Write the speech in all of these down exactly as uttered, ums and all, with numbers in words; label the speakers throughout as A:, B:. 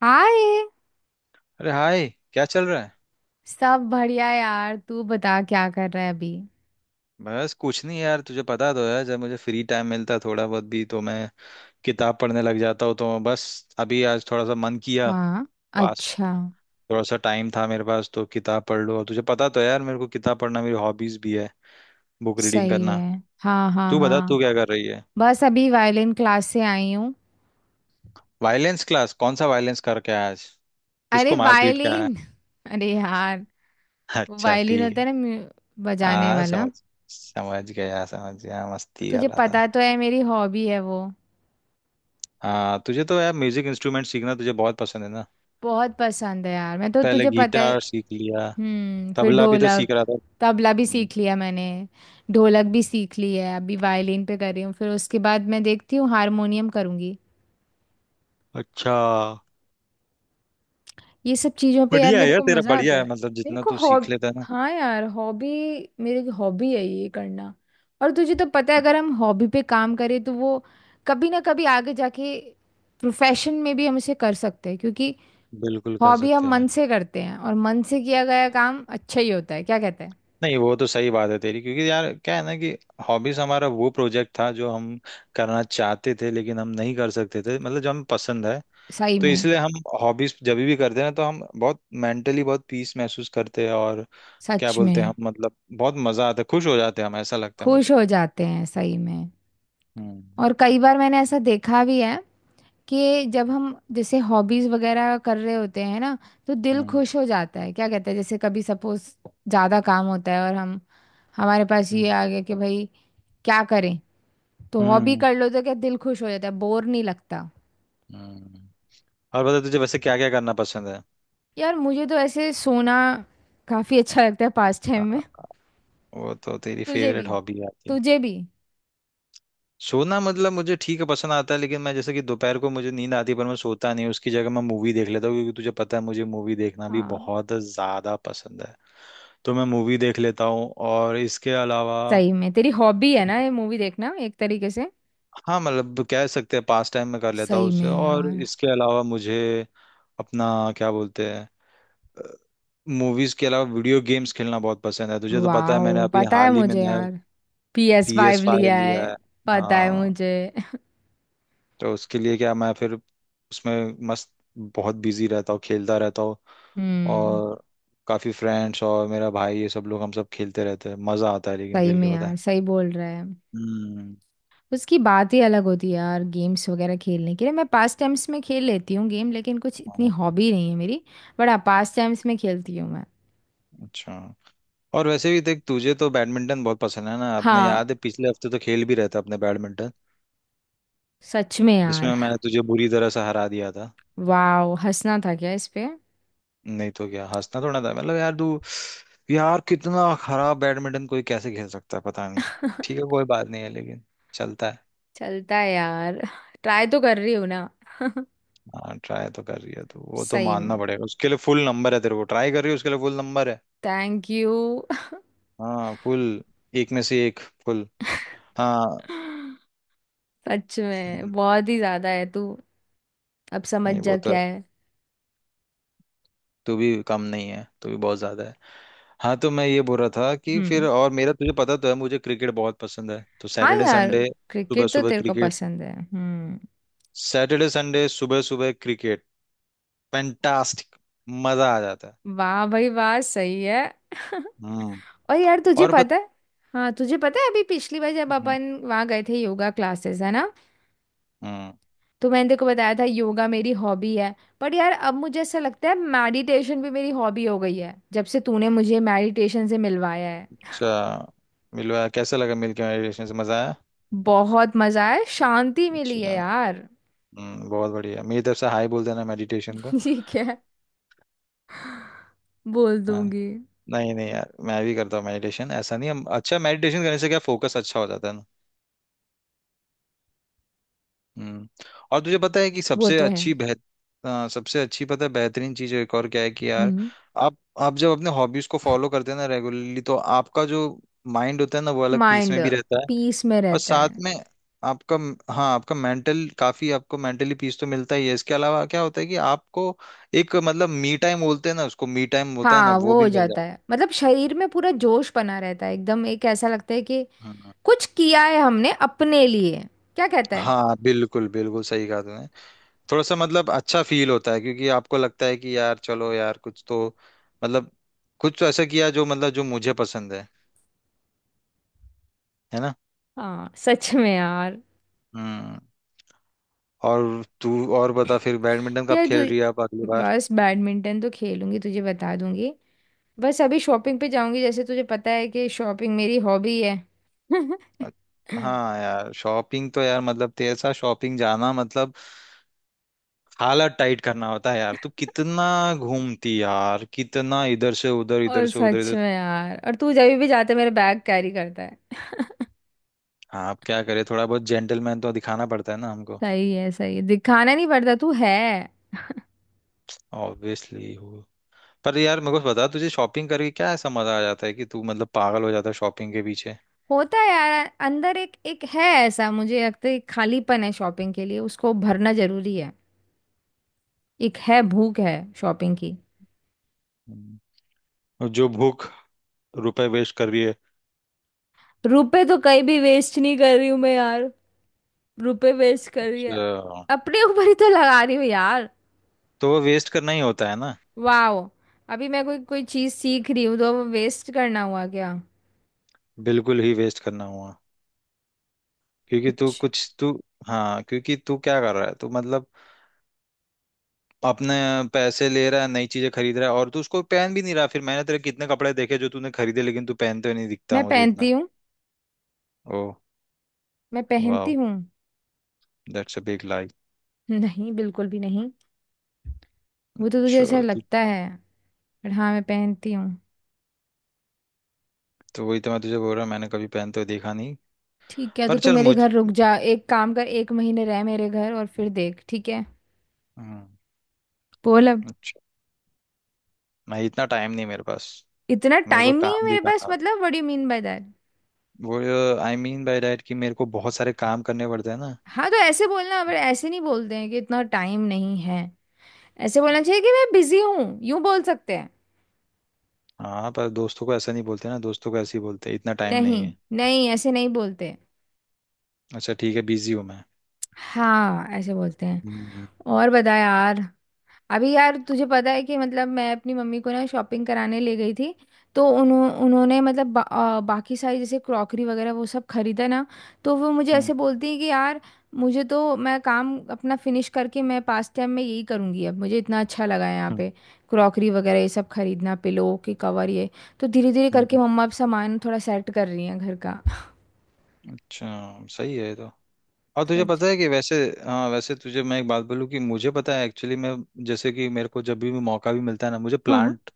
A: हाय।
B: अरे हाय। क्या चल रहा है?
A: सब बढ़िया यार, तू बता क्या कर रहा है अभी।
B: बस कुछ नहीं यार, तुझे पता तो है जब मुझे फ्री टाइम मिलता है थोड़ा बहुत भी तो मैं किताब पढ़ने लग जाता हूँ। तो बस अभी आज थोड़ा सा मन किया।
A: हाँ।
B: पास
A: अच्छा।
B: थोड़ा सा टाइम था मेरे पास तो किताब पढ़ लो, और तुझे पता तो है यार मेरे को किताब पढ़ना मेरी हॉबीज भी है, बुक रीडिंग
A: सही
B: करना।
A: है। हाँ, हाँ,
B: तू बता तू
A: हाँ।
B: क्या कर रही है?
A: बस अभी वायलिन क्लास से आई हूँ।
B: Violins class? कौन सा वायलेंस करके आया आज?
A: अरे
B: किसको मार पीट के आया?
A: वायलिन अरे यार। वो
B: अच्छा
A: वायलिन
B: ठीक
A: होता है
B: है।
A: ना, म्यू- बजाने
B: हाँ
A: वाला।
B: समझ समझ गया, समझ गया, मस्ती कर
A: तुझे
B: रहा था।
A: पता तो है, मेरी हॉबी है वो।
B: हाँ, तुझे तो यार म्यूजिक इंस्ट्रूमेंट सीखना तुझे बहुत पसंद है ना।
A: बहुत पसंद है यार, मैं तो,
B: पहले
A: तुझे पता है।
B: गिटार सीख लिया,
A: हम्म, फिर
B: तबला भी तो सीख
A: ढोलक।
B: रहा था।
A: तबला भी
B: हम्म,
A: सीख लिया मैंने। ढोलक भी सीख ली है, अभी वायलिन पे कर रही हूँ, फिर उसके बाद मैं देखती हूँ हारमोनियम करूँगी।
B: अच्छा।
A: ये सब चीजों पे यार
B: बढ़िया है
A: मेरे
B: यार
A: को
B: तेरा,
A: मजा आता
B: बढ़िया
A: है।
B: है मतलब
A: मेरे
B: जितना
A: को
B: तू सीख
A: हॉब
B: लेता है ना।
A: हाँ यार, हॉबी। मेरी हॉबी है ये करना। और तुझे तो पता है,
B: हम्म,
A: अगर हम हॉबी पे काम करें तो वो कभी ना कभी आगे जाके प्रोफेशन में भी हम इसे कर सकते हैं, क्योंकि
B: बिल्कुल कर
A: हॉबी हम
B: सकते हैं।
A: मन से करते हैं, और मन से किया गया काम अच्छा ही होता है, क्या कहते हैं।
B: नहीं वो तो सही बात है तेरी, क्योंकि यार क्या है ना कि हॉबीज हमारा वो प्रोजेक्ट था जो हम करना चाहते थे लेकिन हम नहीं कर सकते थे, मतलब जो हमें पसंद है।
A: सही
B: तो
A: में।
B: इसलिए हम हॉबीज जब भी करते हैं ना तो हम बहुत मेंटली बहुत पीस महसूस करते हैं, और क्या
A: सच
B: बोलते हैं
A: में।
B: हम, मतलब बहुत मजा आता है, खुश हो जाते हैं हम, ऐसा लगता है
A: खुश
B: मुझे।
A: हो जाते हैं, सही में।
B: हम्म।
A: और कई बार मैंने ऐसा देखा भी है कि जब हम जैसे हॉबीज वगैरह कर रहे होते हैं ना, तो दिल
B: हम्म।
A: खुश हो जाता है, क्या कहते हैं, जैसे कभी सपोज ज्यादा काम होता है, और हम हमारे पास ये
B: हम्म।
A: आ गया कि भाई क्या करें, तो हॉबी
B: हम्म।
A: कर लो तो क्या दिल खुश हो जाता है, बोर नहीं लगता।
B: हम्म। और बता, तुझे वैसे क्या क्या करना पसंद है?
A: यार मुझे तो ऐसे सोना काफी अच्छा लगता है, पास
B: आ,
A: टाइम में।
B: वो तो तेरी
A: तुझे
B: फेवरेट
A: भी।
B: हॉबी है आई थिंक।
A: तुझे भी।
B: सोना मतलब मुझे ठीक है पसंद आता है, लेकिन मैं जैसे कि दोपहर को मुझे नींद आती है पर मैं सोता नहीं, उसकी जगह मैं मूवी देख लेता हूँ, क्योंकि तुझे पता है मुझे मूवी देखना भी
A: हाँ,
B: बहुत ज्यादा पसंद है। तो मैं मूवी देख लेता हूँ। और इसके अलावा
A: सही में तेरी हॉबी है ना ये, मूवी देखना, एक तरीके से।
B: हाँ, मतलब कह सकते हैं पास टाइम में कर लेता हूँ
A: सही
B: उससे।
A: में
B: और
A: यार।
B: इसके अलावा मुझे अपना क्या बोलते हैं, मूवीज के अलावा वीडियो गेम्स खेलना बहुत पसंद है, तुझे तो पता है मैंने
A: वाह,
B: अभी
A: पता है
B: हाल ही में
A: मुझे
B: नया
A: यार, P S
B: P S
A: five
B: five
A: लिया
B: लिया
A: है।
B: है।
A: पता है
B: हाँ।
A: मुझे।
B: तो उसके लिए क्या मैं फिर उसमें मस्त बहुत बिजी रहता हूँ, खेलता रहता हूँ।
A: हम्म।
B: और काफी फ्रेंड्स और मेरा भाई ये सब लोग हम सब खेलते रहते हैं, मजा आता है लेकिन
A: सही
B: खेल
A: में
B: के पता
A: यार,
B: है।
A: सही बोल रहा है।
B: हम्म।
A: उसकी बात ही अलग होती है यार, गेम्स वगैरह खेलने के लिए मैं पास टाइम्स में खेल लेती हूँ गेम, लेकिन कुछ इतनी
B: हाँ,
A: हॉबी नहीं है मेरी। बट हाँ, पास टाइम्स में खेलती हूँ मैं।
B: अच्छा। और वैसे भी देख, तुझे तो बैडमिंटन बहुत पसंद है ना, अपने
A: हाँ,
B: याद है पिछले हफ्ते तो खेल भी रहे थे अपने बैडमिंटन,
A: सच में यार।
B: जिसमें मैं तुझे बुरी तरह से हरा दिया था।
A: वाओ, हंसना था क्या इस पे।
B: नहीं तो क्या हंसना थोड़ा था, मतलब यार तू, यार कितना खराब बैडमिंटन, कोई कैसे खेल सकता है पता नहीं। ठीक है कोई बात नहीं है, लेकिन चलता है।
A: चलता है यार, ट्राई तो कर रही हूँ ना।
B: हाँ ट्राई तो कर रही है तो वो तो
A: सही
B: मानना
A: में,
B: पड़ेगा, उसके लिए फुल नंबर है तेरे को, ट्राई कर रही है उसके लिए फुल नंबर है।
A: Thank you.
B: हाँ फुल, एक में से एक फुल। हाँ।
A: सच में बहुत ही ज्यादा है तू, अब समझ
B: नहीं
A: जा
B: वो तो
A: क्या
B: है,
A: है।
B: तू भी कम नहीं है, तू भी बहुत ज्यादा है। हाँ तो मैं ये बोल रहा था कि फिर,
A: हम्म।
B: और मेरा तुझे पता तो है मुझे क्रिकेट बहुत पसंद है, तो
A: हाँ
B: सैटरडे
A: यार,
B: संडे सुबह
A: क्रिकेट तो
B: सुबह
A: तेरे को
B: क्रिकेट
A: पसंद है। हम्म।
B: सैटरडे संडे सुबह सुबह क्रिकेट, फैंटास्टिक, मजा आ जाता है।
A: वाह भाई वाह, सही है।
B: हम्म।
A: और यार तुझे
B: और बत
A: पता है। हाँ, तुझे पता है अभी, पिछली बार जब
B: हम्म।
A: अपन वहाँ गए थे योगा क्लासेस है ना,
B: हम्म,
A: तो मैंने तेको बताया था योगा मेरी हॉबी है। पर यार अब मुझे ऐसा लगता है, मेडिटेशन भी मेरी हॉबी हो गई है, जब से तूने मुझे मेडिटेशन से मिलवाया है।
B: अच्छा। मिलवा कैसा लगा, मिलके मेडिटेशन से मजा आया?
A: बहुत मजा आया, शांति मिली है
B: अच्छा।
A: यार।
B: हम्म, बहुत बढ़िया, मेरी तरफ से हाई बोल देना मेडिटेशन को।
A: ठीक है, बोल
B: हाँ।
A: दूंगी।
B: नहीं नहीं यार मैं भी करता हूँ मेडिटेशन, ऐसा नहीं हम, अच्छा मेडिटेशन करने से क्या फोकस अच्छा हो जाता है ना। हम्म और तुझे पता है कि
A: वो
B: सबसे
A: तो है।
B: अच्छी बेहत हाँ, सबसे अच्छी पता है बेहतरीन चीज एक और क्या है कि यार
A: हम्म।
B: आप आप जब अपने हॉबीज को फॉलो करते हैं ना रेगुलरली, तो आपका जो माइंड होता है ना वो अलग पीस
A: माइंड
B: में भी रहता है।
A: पीस में
B: और
A: रहता
B: साथ
A: है।
B: में आपका, हाँ आपका मेंटल, काफी आपको मेंटली पीस तो मिलता ही है, इसके अलावा क्या होता है कि आपको एक मतलब मी टाइम बोलते हैं ना उसको, मी टाइम होता है ना
A: हाँ,
B: वो
A: वो
B: भी
A: हो
B: मिल
A: जाता
B: जाता
A: है, मतलब शरीर में पूरा जोश बना रहता है एकदम, एक ऐसा लगता है कि
B: है। हम्म
A: कुछ किया है हमने अपने लिए, क्या कहता है।
B: हाँ बिल्कुल बिल्कुल सही कहा तुमने। थोड़ा सा मतलब अच्छा फील होता है, क्योंकि आपको लगता है कि यार चलो यार कुछ तो मतलब कुछ तो ऐसा किया जो मतलब जो मुझे पसंद है है ना।
A: हाँ, सच में यार।
B: हम्म और तू और बता, फिर बैडमिंटन कब
A: ये
B: खेल रही है आप अगली
A: तू
B: बार?
A: बस, बैडमिंटन तो खेलूंगी तुझे बता दूंगी। बस अभी शॉपिंग पे जाऊंगी, जैसे तुझे पता है कि शॉपिंग मेरी हॉबी है।
B: अ- हाँ यार शॉपिंग तो यार, मतलब तेरे साथ शॉपिंग जाना मतलब हालत टाइट करना होता है यार, तू कितना घूमती यार, कितना इधर से उधर, इधर
A: और
B: से उधर,
A: सच
B: इधर
A: में यार, और तू जब भी जाते मेरा बैग कैरी करता है।
B: हाँ अब क्या करे, थोड़ा बहुत जेंटलमैन तो दिखाना पड़ता है ना हमको।
A: सही है, सही है, दिखाना नहीं पड़ता, तू है।
B: ऑब्वियसली हो। पर यार मेरे को बता, तुझे शॉपिंग करके क्या ऐसा मजा आ जाता है कि तू मतलब पागल हो जाता है शॉपिंग के पीछे?
A: होता है यार, अंदर एक एक है ऐसा मुझे लगता है, एक खालीपन है शॉपिंग के लिए, उसको भरना जरूरी है। एक है, भूख है शॉपिंग की।
B: हम्म। और जो भूख, रुपए वेस्ट कर रही है।
A: रुपए तो कहीं भी वेस्ट नहीं कर रही हूँ मैं यार। रुपए वेस्ट कर रही है।
B: अच्छा।
A: अपने ऊपर ही तो लगा रही हूँ यार।
B: तो वो वेस्ट करना ही होता है ना।
A: वाह। अभी मैं कोई कोई चीज सीख रही हूँ तो वेस्ट करना हुआ क्या।
B: बिल्कुल ही वेस्ट करना हुआ, क्योंकि तू
A: कुछ।
B: कुछ तू हाँ क्योंकि तू क्या कर रहा है, तू मतलब अपने पैसे ले रहा है, नई चीजें खरीद रहा है, और तू उसको पहन भी नहीं रहा। फिर मैंने तेरे कितने कपड़े देखे जो तूने खरीदे लेकिन तू पहनते हुए नहीं दिखता
A: मैं
B: मुझे
A: पहनती
B: इतना।
A: हूँ।
B: ओ।
A: मैं पहनती
B: वाह।
A: हूँ।
B: दैट्स अ बिग लाई।
A: नहीं, बिल्कुल भी नहीं। वो तो तुझे
B: अच्छा
A: ऐसा
B: तू
A: लगता है। पर हाँ, मैं पहनती हूँ।
B: तो वही तो मैं तुझे बोल रहा हूँ, मैंने कभी पहनते हुए देखा नहीं।
A: ठीक है, तो
B: पर
A: तू
B: चल
A: मेरे
B: मुझ
A: घर रुक जा, एक काम कर, एक महीने रह मेरे घर और फिर देख, ठीक है।
B: हम्म,
A: बोल अब।
B: अच्छा। मैं इतना टाइम नहीं मेरे पास,
A: इतना
B: मेरे को
A: टाइम नहीं है
B: काम भी
A: मेरे
B: करना
A: पास
B: होता
A: मतलब, what do you mean by that.
B: है। वो आई मीन बाय डैट कि मेरे को बहुत सारे काम करने पड़ते हैं ना।
A: हाँ, तो ऐसे बोलना, पर ऐसे नहीं बोलते हैं कि इतना टाइम नहीं है। ऐसे बोलना चाहिए कि मैं बिजी हूँ, यूं बोल सकते हैं।
B: हाँ पर दोस्तों को ऐसा नहीं बोलते ना, दोस्तों को ऐसे ही बोलते हैं इतना टाइम
A: नहीं,
B: नहीं है।
A: नहीं ऐसे नहीं बोलते।
B: अच्छा ठीक है, बिजी हूँ मैं।
A: हाँ, ऐसे बोलते हैं।
B: हम्म। हम्म।
A: और बता यार। अभी यार तुझे पता है कि मतलब मैं अपनी मम्मी को ना शॉपिंग कराने ले गई थी। तो उन्हों उन्होंने मतलब बा, आ, बाकी सारी जैसे क्रॉकरी वगैरह वो सब खरीदा ना। तो वो मुझे
B: हम्म।
A: ऐसे बोलती है कि यार मुझे तो, मैं काम अपना फिनिश करके मैं पास टाइम में यही करूँगी, अब मुझे इतना अच्छा लगा है यहाँ
B: हम्म।
A: पे, क्रॉकरी वगैरह ये सब खरीदना, पिलो के कवर, ये। तो धीरे धीरे करके
B: हम्म।
A: मम्मा अब सामान थोड़ा सेट कर रही हैं घर का।
B: अच्छा। सही है ये तो। और तुझे
A: सच।
B: पता है कि वैसे हाँ, वैसे तुझे मैं एक बात बोलूँ कि मुझे पता है एक्चुअली मैं, जैसे कि मेरे को जब भी मौका भी मिलता है ना मुझे
A: हाँ,
B: प्लांट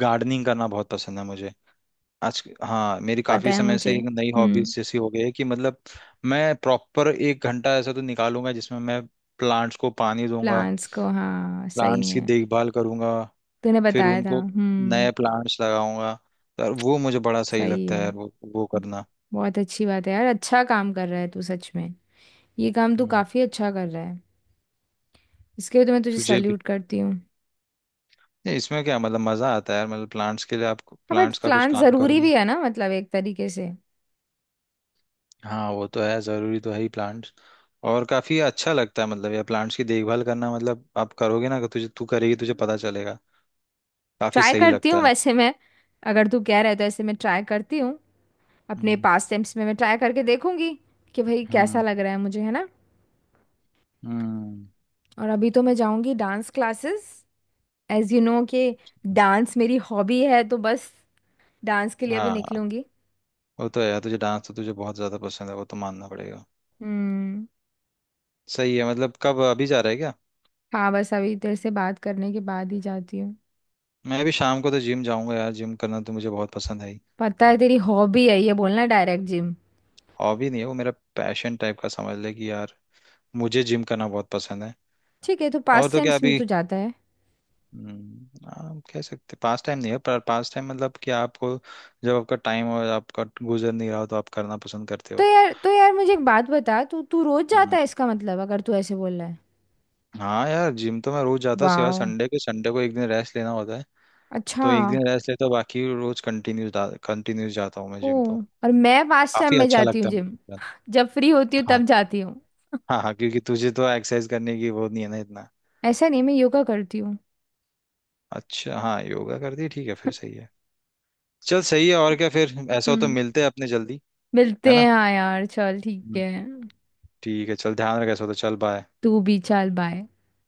B: गार्डनिंग करना बहुत पसंद है मुझे, आज हाँ मेरी
A: पता
B: काफी
A: है
B: समय से
A: मुझे।
B: एक नई
A: हम्म।
B: हॉबीज जैसी हो गई है कि मतलब मैं प्रॉपर एक घंटा ऐसा तो निकालूंगा जिसमें मैं प्लांट्स को पानी दूंगा,
A: प्लान्स को, हाँ सही
B: प्लांट्स की
A: में।
B: देखभाल करूंगा,
A: तूने
B: फिर
A: बताया था।
B: उनको
A: हम्म।
B: नए प्लांट्स लगाऊंगा। तो यार वो मुझे बड़ा सही
A: सही
B: लगता है
A: है,
B: यार, वो वो करना।
A: बहुत अच्छी बात है यार, अच्छा काम कर रहा है तू सच में। ये काम तू
B: हम्म,
A: काफी अच्छा कर रहा है। इसके लिए तो मैं तुझे
B: तुझे
A: सल्यूट करती हूँ।
B: नहीं इसमें क्या, मतलब मजा आता है यार मतलब प्लांट्स के लिए आप
A: हाँ बट
B: प्लांट्स का कुछ
A: प्लान
B: काम करो
A: जरूरी
B: ना।
A: भी है ना, मतलब एक तरीके से।
B: हाँ वो तो है, जरूरी तो है ही प्लांट्स। और काफी अच्छा लगता है, मतलब ये प्लांट्स की देखभाल करना, मतलब आप करोगे ना, तुझे तू करेगी तुझे पता चलेगा, काफी
A: ट्राई
B: सही
A: करती
B: लगता
A: हूँ
B: है।
A: वैसे मैं। अगर तू कह रहा है तो ऐसे मैं ट्राई करती हूँ, अपने
B: हम्म।
A: पास टाइम्स में मैं ट्राई करके देखूंगी कि भाई कैसा
B: हम्म।
A: लग रहा है मुझे, है ना।
B: हम्म
A: और अभी तो मैं जाऊंगी dance classes, as you know कि डांस मेरी हॉबी है, तो बस डांस के लिए भी
B: हाँ
A: निकलूंगी।
B: वो तो है यार, तुझे डांस तो तुझे बहुत ज्यादा पसंद है वो तो मानना पड़ेगा।
A: हम्म।
B: सही है। मतलब कब, अभी जा रहा है क्या?
A: हाँ बस अभी तेरे से बात करने के बाद ही जाती हूँ।
B: मैं भी शाम को तो जिम जाऊंगा यार, जिम करना तो मुझे बहुत पसंद है ही,
A: पता है, तेरी हॉबी है ये बोलना, डायरेक्ट जिम।
B: हॉबी नहीं है वो, मेरा पैशन टाइप का समझ ले कि यार मुझे जिम करना बहुत पसंद है।
A: ठीक है, तो
B: और
A: पास
B: तो क्या
A: टाइम्स में
B: अभी,
A: तू जाता है।
B: हम्म, आप कह सकते पास टाइम नहीं है पर पास टाइम मतलब कि आपको जब आपका टाइम और आपका गुजर नहीं रहा हो तो आप करना पसंद करते
A: तो
B: हो।
A: यार तो यार मुझे एक बात बता, तू तू रोज
B: हम्म,
A: जाता है इसका मतलब, अगर तू ऐसे बोल रहा है।
B: हाँ यार जिम तो मैं रोज जाता हूँ सिवाय
A: वाह।
B: संडे के, संडे को एक दिन रेस्ट लेना होता है
A: अच्छा।
B: तो एक दिन रेस्ट लेता हूँ, बाकी रोज कंटिन्यूस कंटिन्यूस जाता हूँ मैं
A: ओ,
B: जिम तो।
A: और मैं पास टाइम
B: काफी
A: में
B: अच्छा
A: जाती हूँ
B: लगता है मुझे
A: जिम,
B: gym
A: जब फ्री होती हूँ
B: जाना। हाँ।
A: तब जाती हूँ।
B: हाँ हाँ, क्योंकि तुझे तो एक्सरसाइज करने की वो नहीं है ना इतना।
A: ऐसा नहीं, मैं योगा करती हूँ।
B: अच्छा, हाँ योगा कर दी ठीक है फिर, सही है। चल सही है, और क्या, फिर ऐसा हो तो
A: हम्म।
B: मिलते हैं अपने जल्दी,
A: मिलते
B: है ना।
A: हैं हाँ यार, चल ठीक है।
B: ठीक है चल, ध्यान रख ऐसा तो, चल बाय।
A: तू भी, चल बाय।